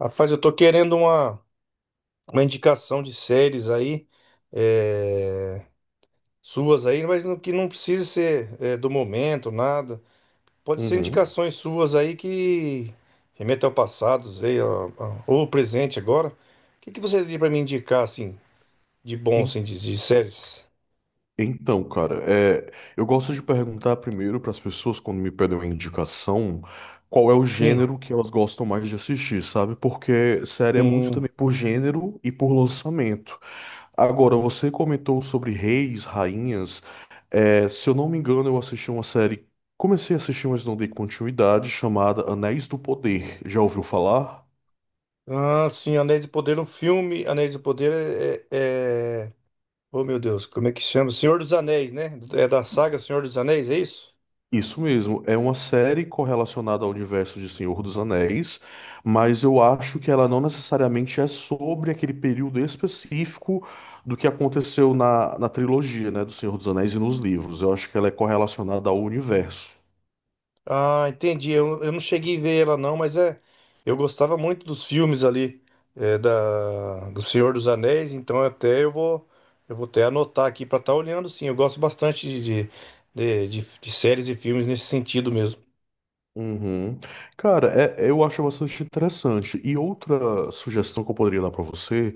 Rapaz, eu tô querendo uma indicação de séries aí, eh, suas aí, mas que não precisa ser do momento, nada. Pode ser Uhum. indicações suas aí que remetam ao passado, sei, ó, ó, ou ao presente agora. O que que você teria pra me indicar, assim, de bom, En- assim, de séries? Então, cara, é, eu gosto de perguntar primeiro para as pessoas quando me pedem uma indicação qual é o Sim. gênero que elas gostam mais de assistir, sabe? Porque série é muito Hum. também por gênero e por lançamento. Agora, você comentou sobre reis, rainhas. É, se eu não me engano, eu assisti uma série, comecei a assistir, mas não dei continuidade, chamada Anéis do Poder. Já ouviu falar? Ah, sim, Anéis do Poder, um filme. Anéis do Poder é. Oh, meu Deus, como é que chama? Senhor dos Anéis, né? É da saga Senhor dos Anéis, é isso? Isso mesmo, é uma série correlacionada ao universo de Senhor dos Anéis, mas eu acho que ela não necessariamente é sobre aquele período específico do que aconteceu na trilogia, né, do Senhor dos Anéis e nos livros. Eu acho que ela é correlacionada ao universo. Ah, entendi. Eu não cheguei a ver ela não, mas é, eu gostava muito dos filmes ali é, da do Senhor dos Anéis, então até eu vou até anotar aqui pra estar olhando, sim. Eu gosto bastante de séries e filmes nesse sentido mesmo. Uhum. Cara, eu acho bastante interessante. E outra sugestão que eu poderia dar pra você,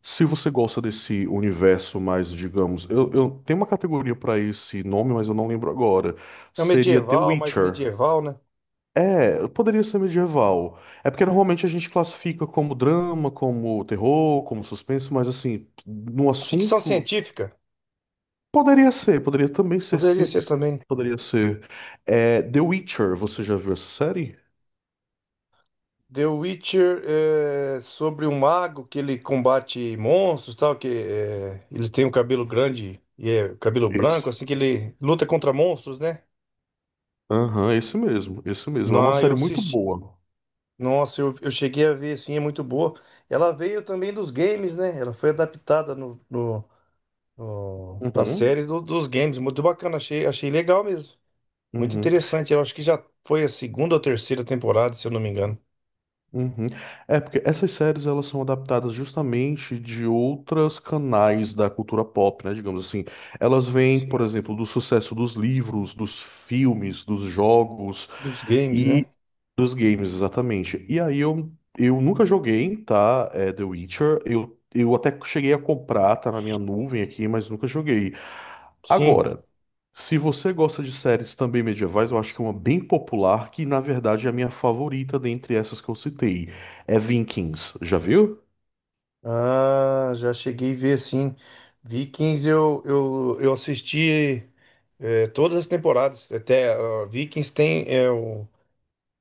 se você gosta desse universo mais, digamos, eu tenho uma categoria pra esse nome, mas eu não lembro agora. É um Seria The medieval, mais Witcher. medieval, né? É, poderia ser medieval. É porque normalmente a gente classifica como drama, como terror, como suspense, mas assim, no Ficção assunto, científica poderia ser, poderia também ser, poderia sim, ser também. poderia ser. É, The Witcher, você já viu essa série? The Witcher é sobre um mago que ele combate monstros, e tal, que é, ele tem um cabelo grande e é cabelo Esse. branco, assim que ele luta contra monstros, né? Aham, esse mesmo, esse mesmo. É uma Não, eu série muito assisti. boa. Nossa, eu cheguei a ver, assim, é muito boa. Ela veio também dos games, né? Ela foi adaptada no, no, no, pra Uhum, série dos games. Muito bacana, achei, achei legal mesmo. Muito uhum. interessante. Eu acho que já foi a segunda ou terceira temporada, se eu não me engano. Uhum. É, porque essas séries elas são adaptadas justamente de outros canais da cultura pop, né? Digamos assim. Elas vêm, por Sim. exemplo, do sucesso dos livros, dos filmes, dos jogos Dos games, e né? dos games, exatamente. E aí eu nunca joguei, tá? É, The Witcher. Eu até cheguei a comprar, tá na minha nuvem aqui, mas nunca joguei. Sim. Agora, se você gosta de séries também medievais, eu acho que é uma bem popular, que na verdade é a minha favorita dentre essas que eu citei, é Vikings. Já viu? Ah, já cheguei a ver sim. Vikings eu assisti todas as temporadas. Até ah, Vikings tem, é, o,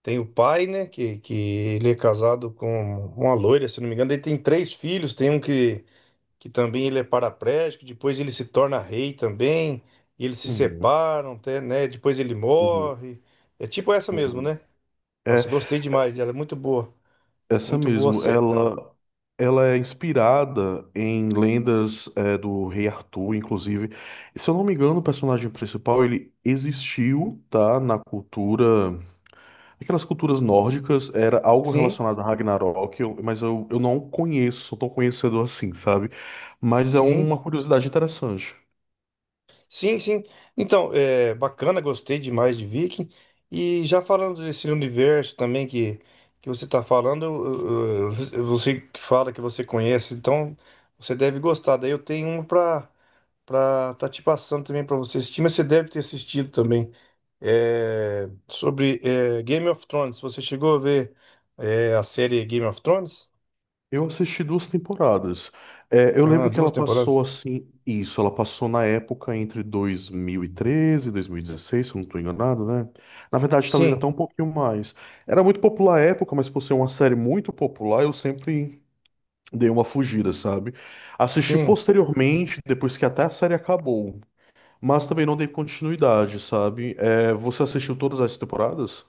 tem o pai, né? Que ele é casado com uma loira, se não me engano. Ele tem três filhos, tem um que também ele é paraplégico, depois ele se torna rei também, e eles se Uhum, separam, até, né? Depois ele uhum, morre. É tipo essa mesmo, uhum. né? É Nossa, gostei demais, ela é muito boa. essa Muito boa a mesmo. série também. Ela é inspirada em lendas é, do rei Arthur, inclusive. Se eu não me engano, o personagem principal ele existiu, tá, na cultura. Aquelas culturas nórdicas era algo Sim, relacionado a Ragnarok, mas eu não conheço, sou tão conhecedor assim, sabe? Mas é sim. uma curiosidade interessante. Sim, sim. Então, é bacana, gostei demais de Viking. E já falando desse universo também que você está falando, você que fala que você conhece, então você deve gostar. Daí eu tenho um para tá te passando também para você assistir, mas você deve ter assistido também. É, sobre é, Game of Thrones. Você chegou a ver é, a série Game of Thrones? Eu assisti duas temporadas. É, eu Ah, lembro que duas ela temporadas. passou assim, isso, ela passou na época entre dois mil e 2016, se eu não estou enganado, né? Na verdade, talvez Sim, até um pouquinho mais. Era muito popular à época, mas por ser uma série muito popular, eu sempre dei uma fugida, sabe? Assisti sim. posteriormente, depois que até a série acabou. Mas também não dei continuidade, sabe? É, você assistiu todas as temporadas?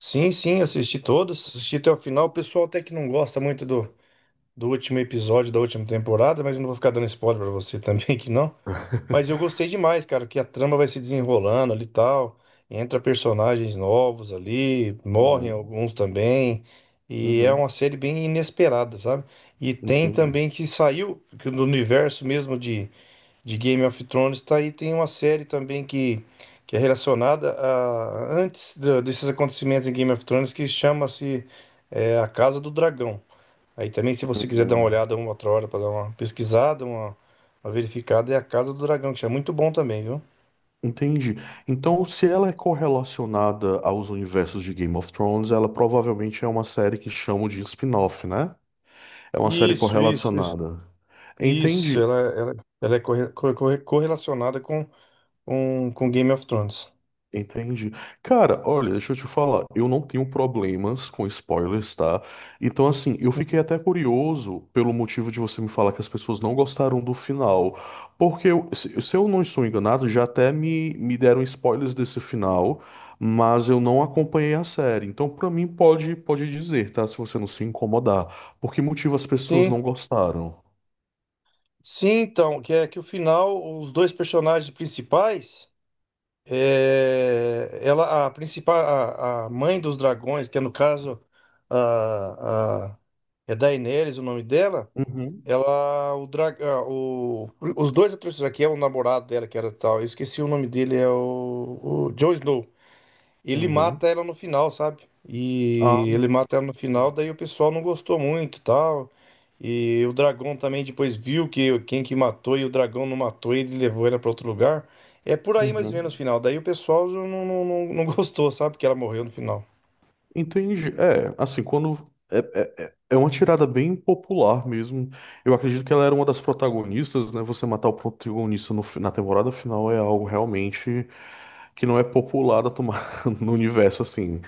Sim, sim, assisti todos, assisti até o final. O pessoal até que não gosta muito do, do último episódio da última temporada, mas eu não vou ficar dando spoiler pra você também que não. Mas eu gostei demais, cara, que a trama vai se desenrolando ali e tal. Entra personagens novos ali, morrem Uhum, alguns também. E é uma uhum, série bem inesperada, sabe? E tem entendi. também que saiu que do universo mesmo de Game of Thrones tá aí. Tem uma série também que é relacionada a desses acontecimentos em Game of Thrones que chama-se é, A Casa do Dragão. Aí também, se você quiser dar uma Uhum. olhada uma outra hora para dar uma pesquisada, uma verificada, é A Casa do Dragão, que é muito bom também, viu? Entendi. Então, se ela é correlacionada aos universos de Game of Thrones, ela provavelmente é uma série que chamam de spin-off, né? É uma série Isso, isso, isso. correlacionada. Isso, Entendi. Ela é correlacionada com Game of Thrones. Entendi. Cara, olha, deixa eu te falar, eu não tenho problemas com spoilers, tá? Então, assim, eu fiquei até curioso pelo motivo de você me falar que as pessoas não gostaram do final. Porque, se eu não estou enganado, já até me deram spoilers desse final, mas eu não acompanhei a série. Então, pra mim, pode, pode dizer, tá? Se você não se incomodar. Por que motivo as pessoas Sim, não gostaram? sim, então, que é que o final, os dois personagens principais. É, ela, a principal, a mãe dos dragões, que é no caso a, a, é Daenerys o nome dela, Uhum, ela, o, dra, a- o, os dois atores, que é o namorado dela, que era tal, eu esqueci o nome dele, é o Jon Snow. Ele uhum. mata ela no final, sabe? Ah, E ele mata ela no final, daí o pessoal não gostou muito, e tal. E o dragão também depois viu que quem que matou e o dragão não matou, ele levou ela pra outro lugar. É por aí mais ou menos o uhum. final. Daí o pessoal não gostou, sabe? Que ela morreu no final. Entendi. É, assim, quando. É uma tirada bem popular mesmo. Eu acredito que ela era uma das protagonistas, né? Você matar o protagonista no na temporada final é algo realmente que não é popular a tomar no universo, assim.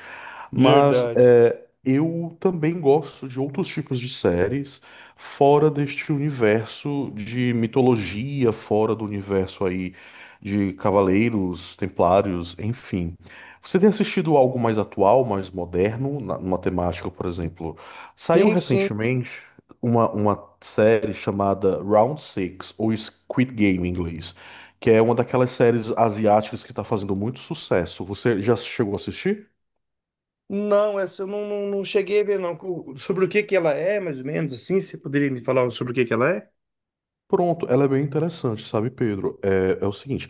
Mas Verdade. é, eu também gosto de outros tipos de séries fora deste universo de mitologia, fora do universo aí de cavaleiros, templários, enfim. Você tem assistido algo mais atual, mais moderno, na, numa temática, por exemplo? Saiu Sim, sim. recentemente uma série chamada Round Six ou Squid Game em inglês, que é uma daquelas séries asiáticas que está fazendo muito sucesso. Você já chegou a assistir? Não, essa eu não cheguei a ver, não. Sobre o que que ela é, mais ou menos, assim? Você poderia me falar sobre o que que ela é? Pronto, ela é bem interessante, sabe, Pedro? É, é o seguinte,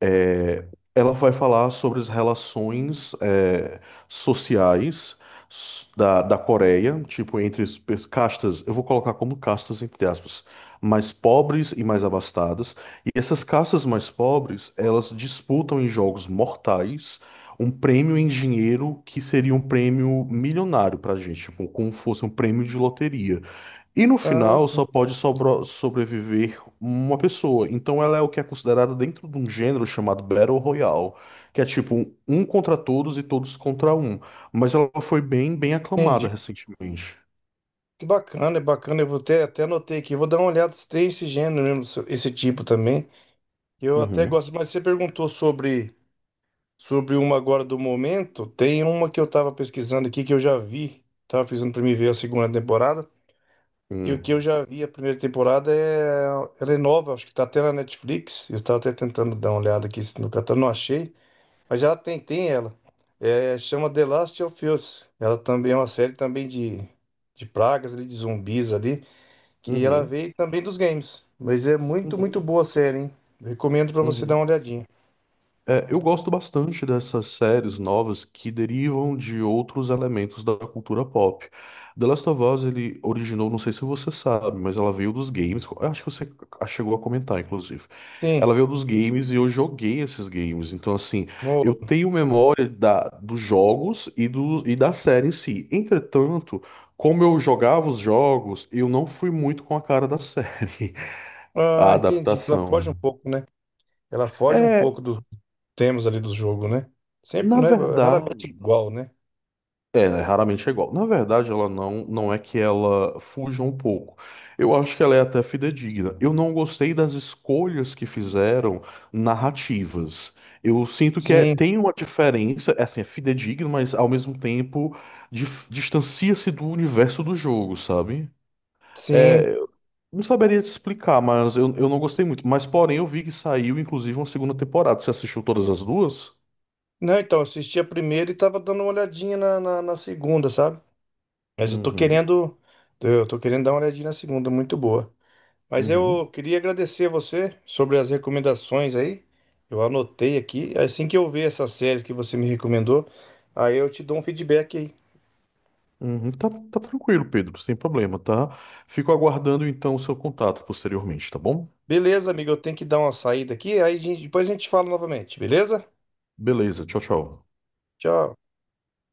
é, ela vai falar sobre as relações é, sociais da Coreia, tipo, entre as castas, eu vou colocar como castas, entre aspas, mais pobres e mais abastadas. E essas castas mais pobres, elas disputam em jogos mortais um prêmio em dinheiro que seria um prêmio milionário pra gente, tipo, como fosse um prêmio de loteria. E no Ah, final só sim. pode sobreviver uma pessoa. Então ela é o que é considerada dentro de um gênero chamado Battle Royale, que é tipo um contra todos e todos contra um. Mas ela foi bem, bem Entendi. aclamada recentemente. Que bacana, é bacana. Eu vou ter, até anotei aqui. Vou dar uma olhada se tem esse gênero mesmo, esse tipo também. Eu até Uhum. gosto, mas você perguntou sobre uma agora do momento. Tem uma que eu tava pesquisando aqui que eu já vi. Tava pesquisando pra mim ver a segunda temporada. E o que eu Uhum. já vi a primeira temporada é. Ela é nova, acho que tá até na Netflix. Eu tava até tentando dar uma olhada aqui no catálogo, não achei. Mas ela tem, tem ela. É, chama The Last of Us. Ela também é uma série também de pragas, ali, de zumbis ali que ela Uhum. veio também dos games. Mas é muito, muito Uhum. boa a série, hein? Recomendo pra você dar Uhum. uma olhadinha. É, eu gosto bastante dessas séries novas que derivam de outros elementos da cultura pop. The Last of Us, ele originou, não sei se você sabe, mas ela veio dos games. Eu acho que você chegou a comentar, inclusive. Sim. Ela veio dos games e eu joguei esses games. Então, assim, eu no- tenho memória da, dos jogos e, do, e da série em si. Entretanto, como eu jogava os jogos, eu não fui muito com a cara da série, a Ah, entendi. Ela foge adaptação. um pouco, né? Ela foge um É, pouco dos temas ali do jogo, né? Sempre, na né? Raramente verdade. igual, né? É, né, raramente é igual. Na verdade, ela não, não é que ela fuja um pouco. Eu acho que ela é até fidedigna. Eu não gostei das escolhas que fizeram narrativas. Eu sinto que Sim, tem uma diferença, é assim, é fidedigno, mas ao mesmo tempo distancia-se do universo do jogo, sabe? É, sim. eu não saberia te explicar, mas eu não gostei muito. Mas, porém, eu vi que saiu, inclusive, uma segunda temporada. Você assistiu todas as duas? Não, então, eu assisti a primeira e tava dando uma olhadinha na segunda, sabe? Mas eu tô Uhum, querendo. Eu tô querendo dar uma olhadinha na segunda, muito boa. Mas uhum. eu queria agradecer você sobre as recomendações aí. Eu anotei aqui. Assim que eu ver essas séries que você me recomendou, aí eu te dou um feedback aí. Uhum, tá, tá tranquilo, Pedro, sem problema, tá? Fico aguardando então o seu contato posteriormente, tá bom? Beleza, amigo? Eu tenho que dar uma saída aqui. Depois a gente fala novamente, beleza? Beleza, tchau, tchau. Tchau.